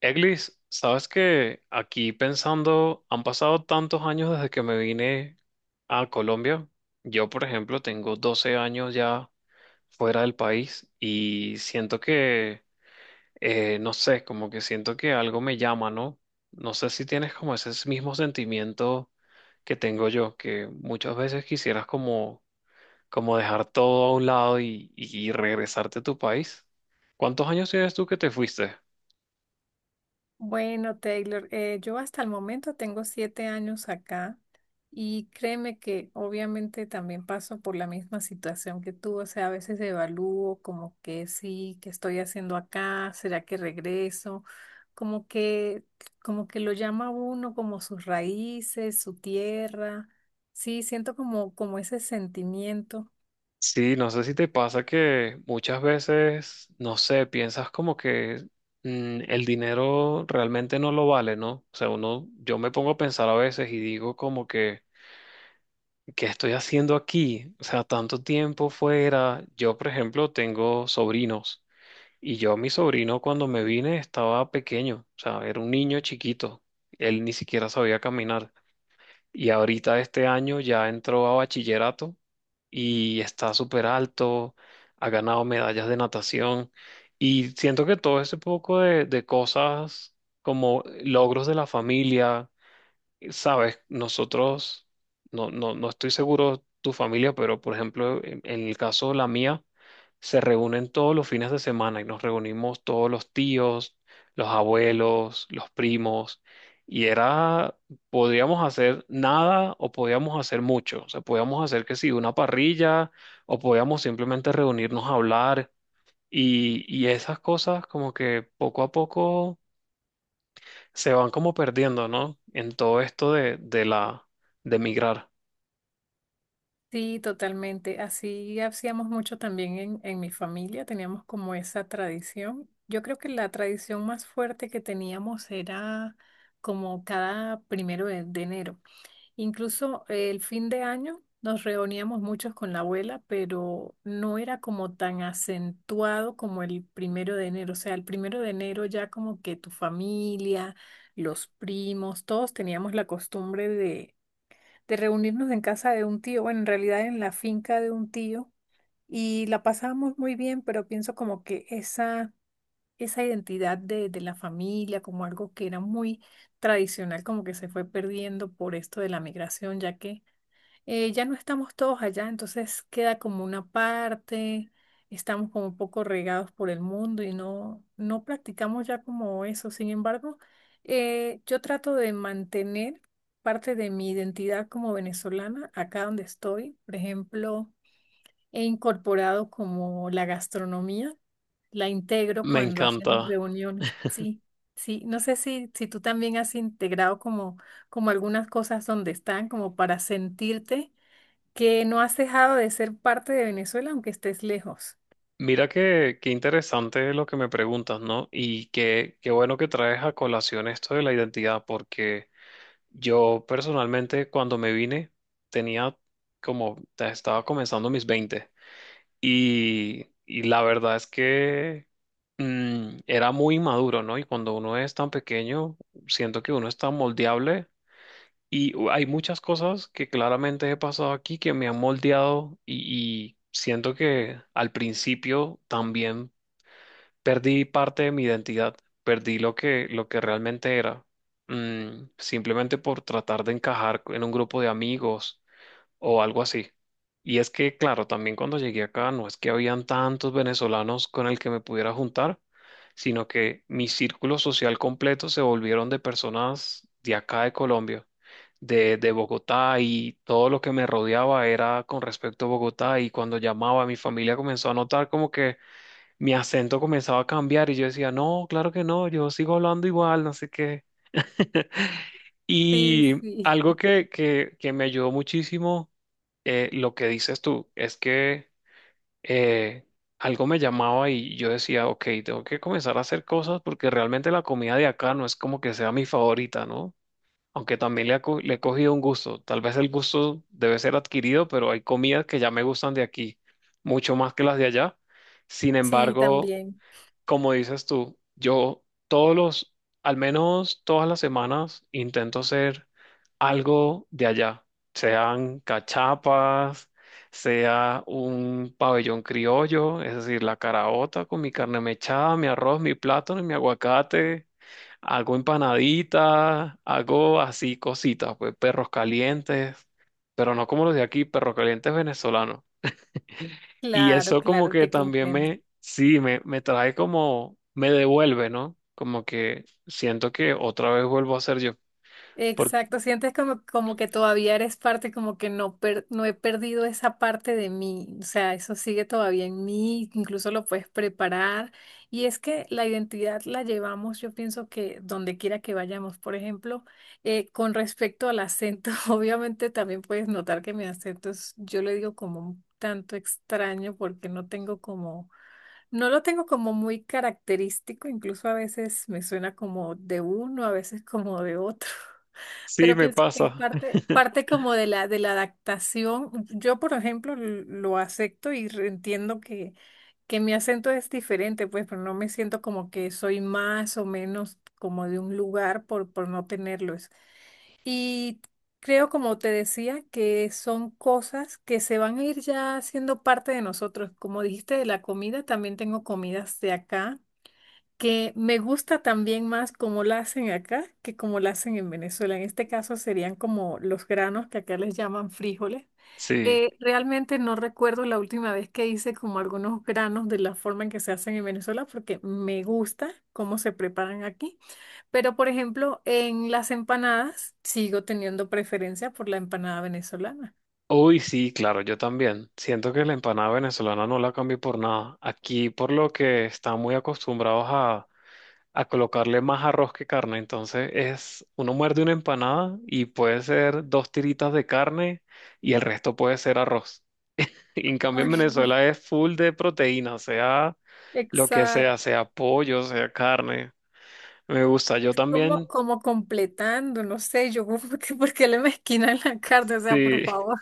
Eglis, sabes que aquí pensando, han pasado tantos años desde que me vine a Colombia. Yo, por ejemplo, tengo 12 años ya fuera del país y siento que, no sé, como que siento que algo me llama, ¿no? No sé si tienes como ese mismo sentimiento que tengo yo, que muchas veces quisieras como, como dejar todo a un lado y regresarte a tu país. ¿Cuántos años tienes tú que te fuiste? Bueno, Taylor, yo hasta el momento tengo 7 años acá y créeme que obviamente también paso por la misma situación que tú. O sea, a veces evalúo como que sí, ¿que estoy haciendo acá? ¿Será que regreso? Como que, como que lo llama uno como sus raíces, su tierra. Sí, siento como ese sentimiento. Sí, no sé si te pasa que muchas veces, no sé, piensas como que el dinero realmente no lo vale, ¿no? O sea, uno, yo me pongo a pensar a veces y digo como que, ¿qué estoy haciendo aquí? O sea, tanto tiempo fuera. Yo, por ejemplo, tengo sobrinos y yo, mi sobrino, cuando me vine estaba pequeño, o sea, era un niño chiquito, él ni siquiera sabía caminar. Y ahorita este año ya entró a bachillerato y está súper alto, ha ganado medallas de natación y siento que todo ese poco de cosas como logros de la familia. Sabes, nosotros, no estoy seguro tu familia, pero por ejemplo, en el caso de la mía, se reúnen todos los fines de semana y nos reunimos todos los tíos, los abuelos, los primos, y era, podríamos hacer nada o podíamos hacer mucho. O sea, podíamos hacer que sí, una parrilla o podíamos simplemente reunirnos a hablar y esas cosas como que poco a poco se van como perdiendo, ¿no? En todo esto de la de migrar. Sí, totalmente. Así hacíamos mucho también en mi familia, teníamos como esa tradición. Yo creo que la tradición más fuerte que teníamos era como cada primero de enero. Incluso el fin de año nos reuníamos muchos con la abuela, pero no era como tan acentuado como el primero de enero. O sea, el primero de enero ya como que tu familia, los primos, todos teníamos la costumbre de reunirnos en casa de un tío, bueno, en realidad en la finca de un tío, y la pasábamos muy bien, pero pienso como que esa identidad de la familia, como algo que era muy tradicional, como que se fue perdiendo por esto de la migración, ya que ya no estamos todos allá, entonces queda como una parte, estamos como un poco regados por el mundo y no practicamos ya como eso. Sin embargo, yo trato de mantener parte de mi identidad como venezolana acá donde estoy. Por ejemplo, he incorporado como la gastronomía, la integro Me cuando hacemos encanta. reuniones, sí. Sí, no sé si tú también has integrado como algunas cosas donde están, como para sentirte que no has dejado de ser parte de Venezuela aunque estés lejos. Mira qué, qué interesante lo que me preguntas, ¿no? Y qué, qué bueno que traes a colación esto de la identidad, porque yo personalmente cuando me vine tenía como, estaba comenzando mis 20 y la verdad es que era muy maduro, ¿no? Y cuando uno es tan pequeño, siento que uno es tan moldeable. Y hay muchas cosas que claramente he pasado aquí que me han moldeado y siento que al principio también perdí parte de mi identidad, perdí lo que realmente era, simplemente por tratar de encajar en un grupo de amigos o algo así. Y es que, claro, también cuando llegué acá no es que habían tantos venezolanos con el que me pudiera juntar, sino que mi círculo social completo se volvieron de personas de acá de Colombia, de Bogotá y todo lo que me rodeaba era con respecto a Bogotá y cuando llamaba mi familia comenzó a notar como que mi acento comenzaba a cambiar y yo decía, no, claro que no, yo sigo hablando igual, no sé qué. Sí, Y sí. algo que me ayudó muchísimo lo que dices tú es que eh, algo me llamaba y yo decía, ok, tengo que comenzar a hacer cosas porque realmente la comida de acá no es como que sea mi favorita, ¿no? Aunque también le, le he cogido un gusto. Tal vez el gusto debe ser adquirido, pero hay comidas que ya me gustan de aquí, mucho más que las de allá. Sin Sí, embargo, también. como dices tú, yo todos los, al menos todas las semanas, intento hacer algo de allá, sean cachapas, sea un pabellón criollo, es decir, la caraota con mi carne mechada, mi arroz, mi plátano y mi aguacate. Hago empanaditas, hago así cositas, pues perros calientes, pero no como los de aquí, perros calientes venezolanos. Y Claro, eso como claro, que te también comprendo. me, sí, me trae como, me devuelve, ¿no? Como que siento que otra vez vuelvo a ser yo. Porque Exacto, sientes como que todavía eres parte, como que no, no he perdido esa parte de mí. O sea, eso sigue todavía en mí, incluso lo puedes preparar. Y es que la identidad la llevamos, yo pienso que donde quiera que vayamos. Por ejemplo, con respecto al acento, obviamente también puedes notar que mi acento es, yo le digo como un tanto extraño porque no tengo como… No lo tengo como muy característico, incluso a veces me suena como de uno, a veces como de otro. sí, Pero me pienso que es pasa. Parte como de de la adaptación. Yo, por ejemplo, lo acepto y entiendo que mi acento es diferente, pues, pero no me siento como que soy más o menos como de un lugar por no tenerlos. Y creo, como te decía, que son cosas que se van a ir ya siendo parte de nosotros. Como dijiste de la comida, también tengo comidas de acá que me gusta también más cómo la hacen acá que cómo la hacen en Venezuela. En este caso serían como los granos que acá les llaman frijoles. Sí. Realmente no recuerdo la última vez que hice como algunos granos de la forma en que se hacen en Venezuela porque me gusta cómo se preparan aquí. Pero por ejemplo, en las empanadas sigo teniendo preferencia por la empanada venezolana. Uy, sí, claro, yo también. Siento que la empanada venezolana no la cambio por nada. Aquí, por lo que están muy acostumbrados a colocarle más arroz que carne. Entonces, es, uno muerde una empanada y puede ser dos tiritas de carne y el resto puede ser arroz. Y en cambio Ay, en Venezuela es full de proteína, sea lo que sea, exacto. sea pollo, sea carne. Me gusta. Yo Es como, también, como completando, no sé, yo, por qué le mezquinan la carne? O sea, por sí, favor.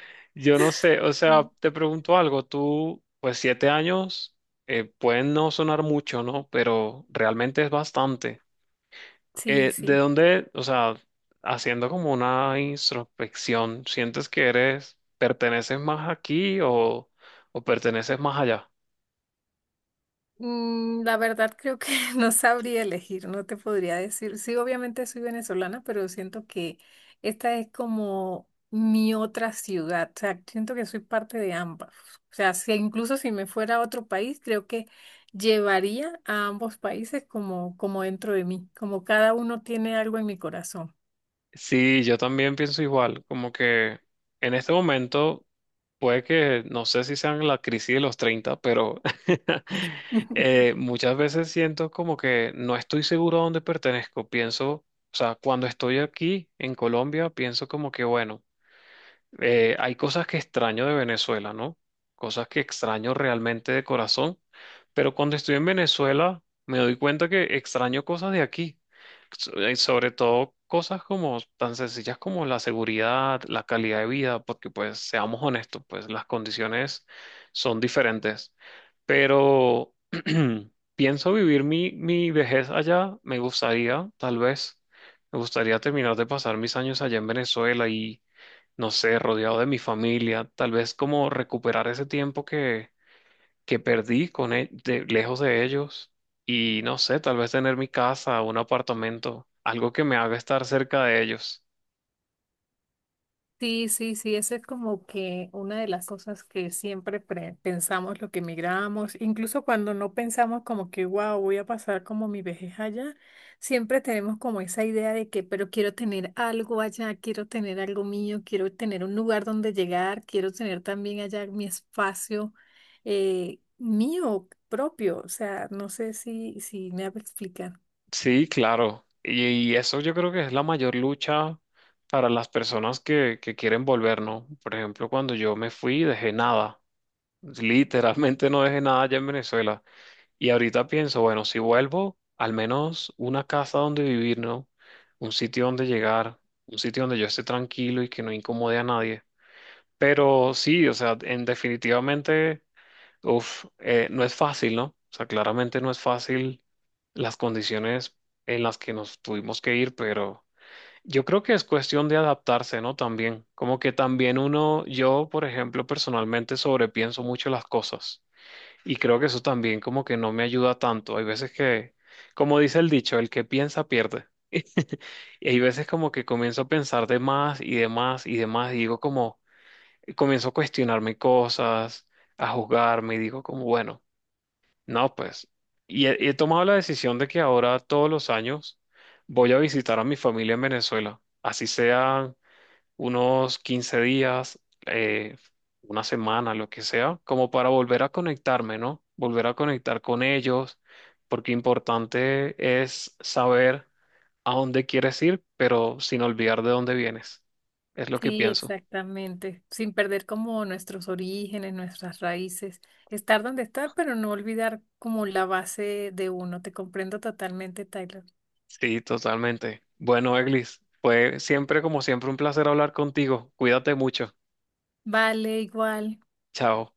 yo no sé, o sea, te pregunto algo, tú, pues 7 años, pueden no sonar mucho, ¿no? Pero realmente es bastante. Sí, ¿De sí. dónde, o sea, haciendo como una introspección, sientes que eres, perteneces más aquí o perteneces más allá? La verdad creo que no sabría elegir, no te podría decir. Sí, obviamente soy venezolana, pero siento que esta es como mi otra ciudad. O sea, siento que soy parte de ambas. O sea, incluso si me fuera a otro país, creo que llevaría a ambos países como, como dentro de mí, como cada uno tiene algo en mi corazón. Sí, yo también pienso igual, como que en este momento puede que, no sé si sean la crisis de los 30, pero muchas veces siento como que no estoy seguro a dónde pertenezco. Pienso, o sea, cuando estoy aquí en Colombia, pienso como que, bueno. Hay cosas que extraño de Venezuela, ¿no? Cosas que extraño realmente de corazón, pero cuando estoy en Venezuela me doy cuenta que extraño cosas de aquí, sobre todo cosas como tan sencillas como la seguridad, la calidad de vida, porque pues seamos honestos, pues las condiciones son diferentes, pero pienso vivir mi vejez allá, me gustaría, tal vez, me gustaría terminar de pasar mis años allá en Venezuela y no sé, rodeado de mi familia, tal vez como recuperar ese tiempo que perdí con lejos de ellos y no sé, tal vez tener mi casa, un apartamento, algo que me haga estar cerca de ellos. Sí, sí, sí, esa es como que una de las cosas que siempre pensamos lo que emigramos, incluso cuando no pensamos como que, wow, voy a pasar como mi vejez allá, siempre tenemos como esa idea de que, pero quiero tener algo allá, quiero tener algo mío, quiero tener un lugar donde llegar, quiero tener también allá mi espacio mío propio. O sea, no sé si me explican. Sí, claro. Y eso yo creo que es la mayor lucha para las personas que quieren volver, ¿no? Por ejemplo, cuando yo me fui, dejé nada. Literalmente no dejé nada allá en Venezuela. Y ahorita pienso, bueno, si vuelvo, al menos una casa donde vivir, ¿no? Un sitio donde llegar, un sitio donde yo esté tranquilo y que no incomode a nadie. Pero sí, o sea, en definitivamente, no es fácil, ¿no? O sea, claramente no es fácil las condiciones en las que nos tuvimos que ir, pero yo creo que es cuestión de adaptarse, ¿no? También, como que también uno, yo, por ejemplo, personalmente sobrepienso mucho las cosas. Y creo que eso también como que no me ayuda tanto. Hay veces que, como dice el dicho, el que piensa pierde. Y hay veces como que comienzo a pensar de más y de más y de más y digo como, y comienzo a cuestionarme cosas, a juzgarme y digo como, bueno, no, pues. Y he tomado la decisión de que ahora todos los años voy a visitar a mi familia en Venezuela, así sea unos 15 días, eh, una semana, lo que sea, como para volver a conectarme, ¿no? Volver a conectar con ellos, porque importante es saber a dónde quieres ir, pero sin olvidar de dónde vienes. Es lo que Sí, pienso. exactamente. Sin perder como nuestros orígenes, nuestras raíces. Estar donde estar, pero no olvidar como la base de uno. Te comprendo totalmente, Tyler. Sí, totalmente. Bueno, Eglis, fue siempre como siempre un placer hablar contigo. Cuídate mucho. Vale, igual. Chao.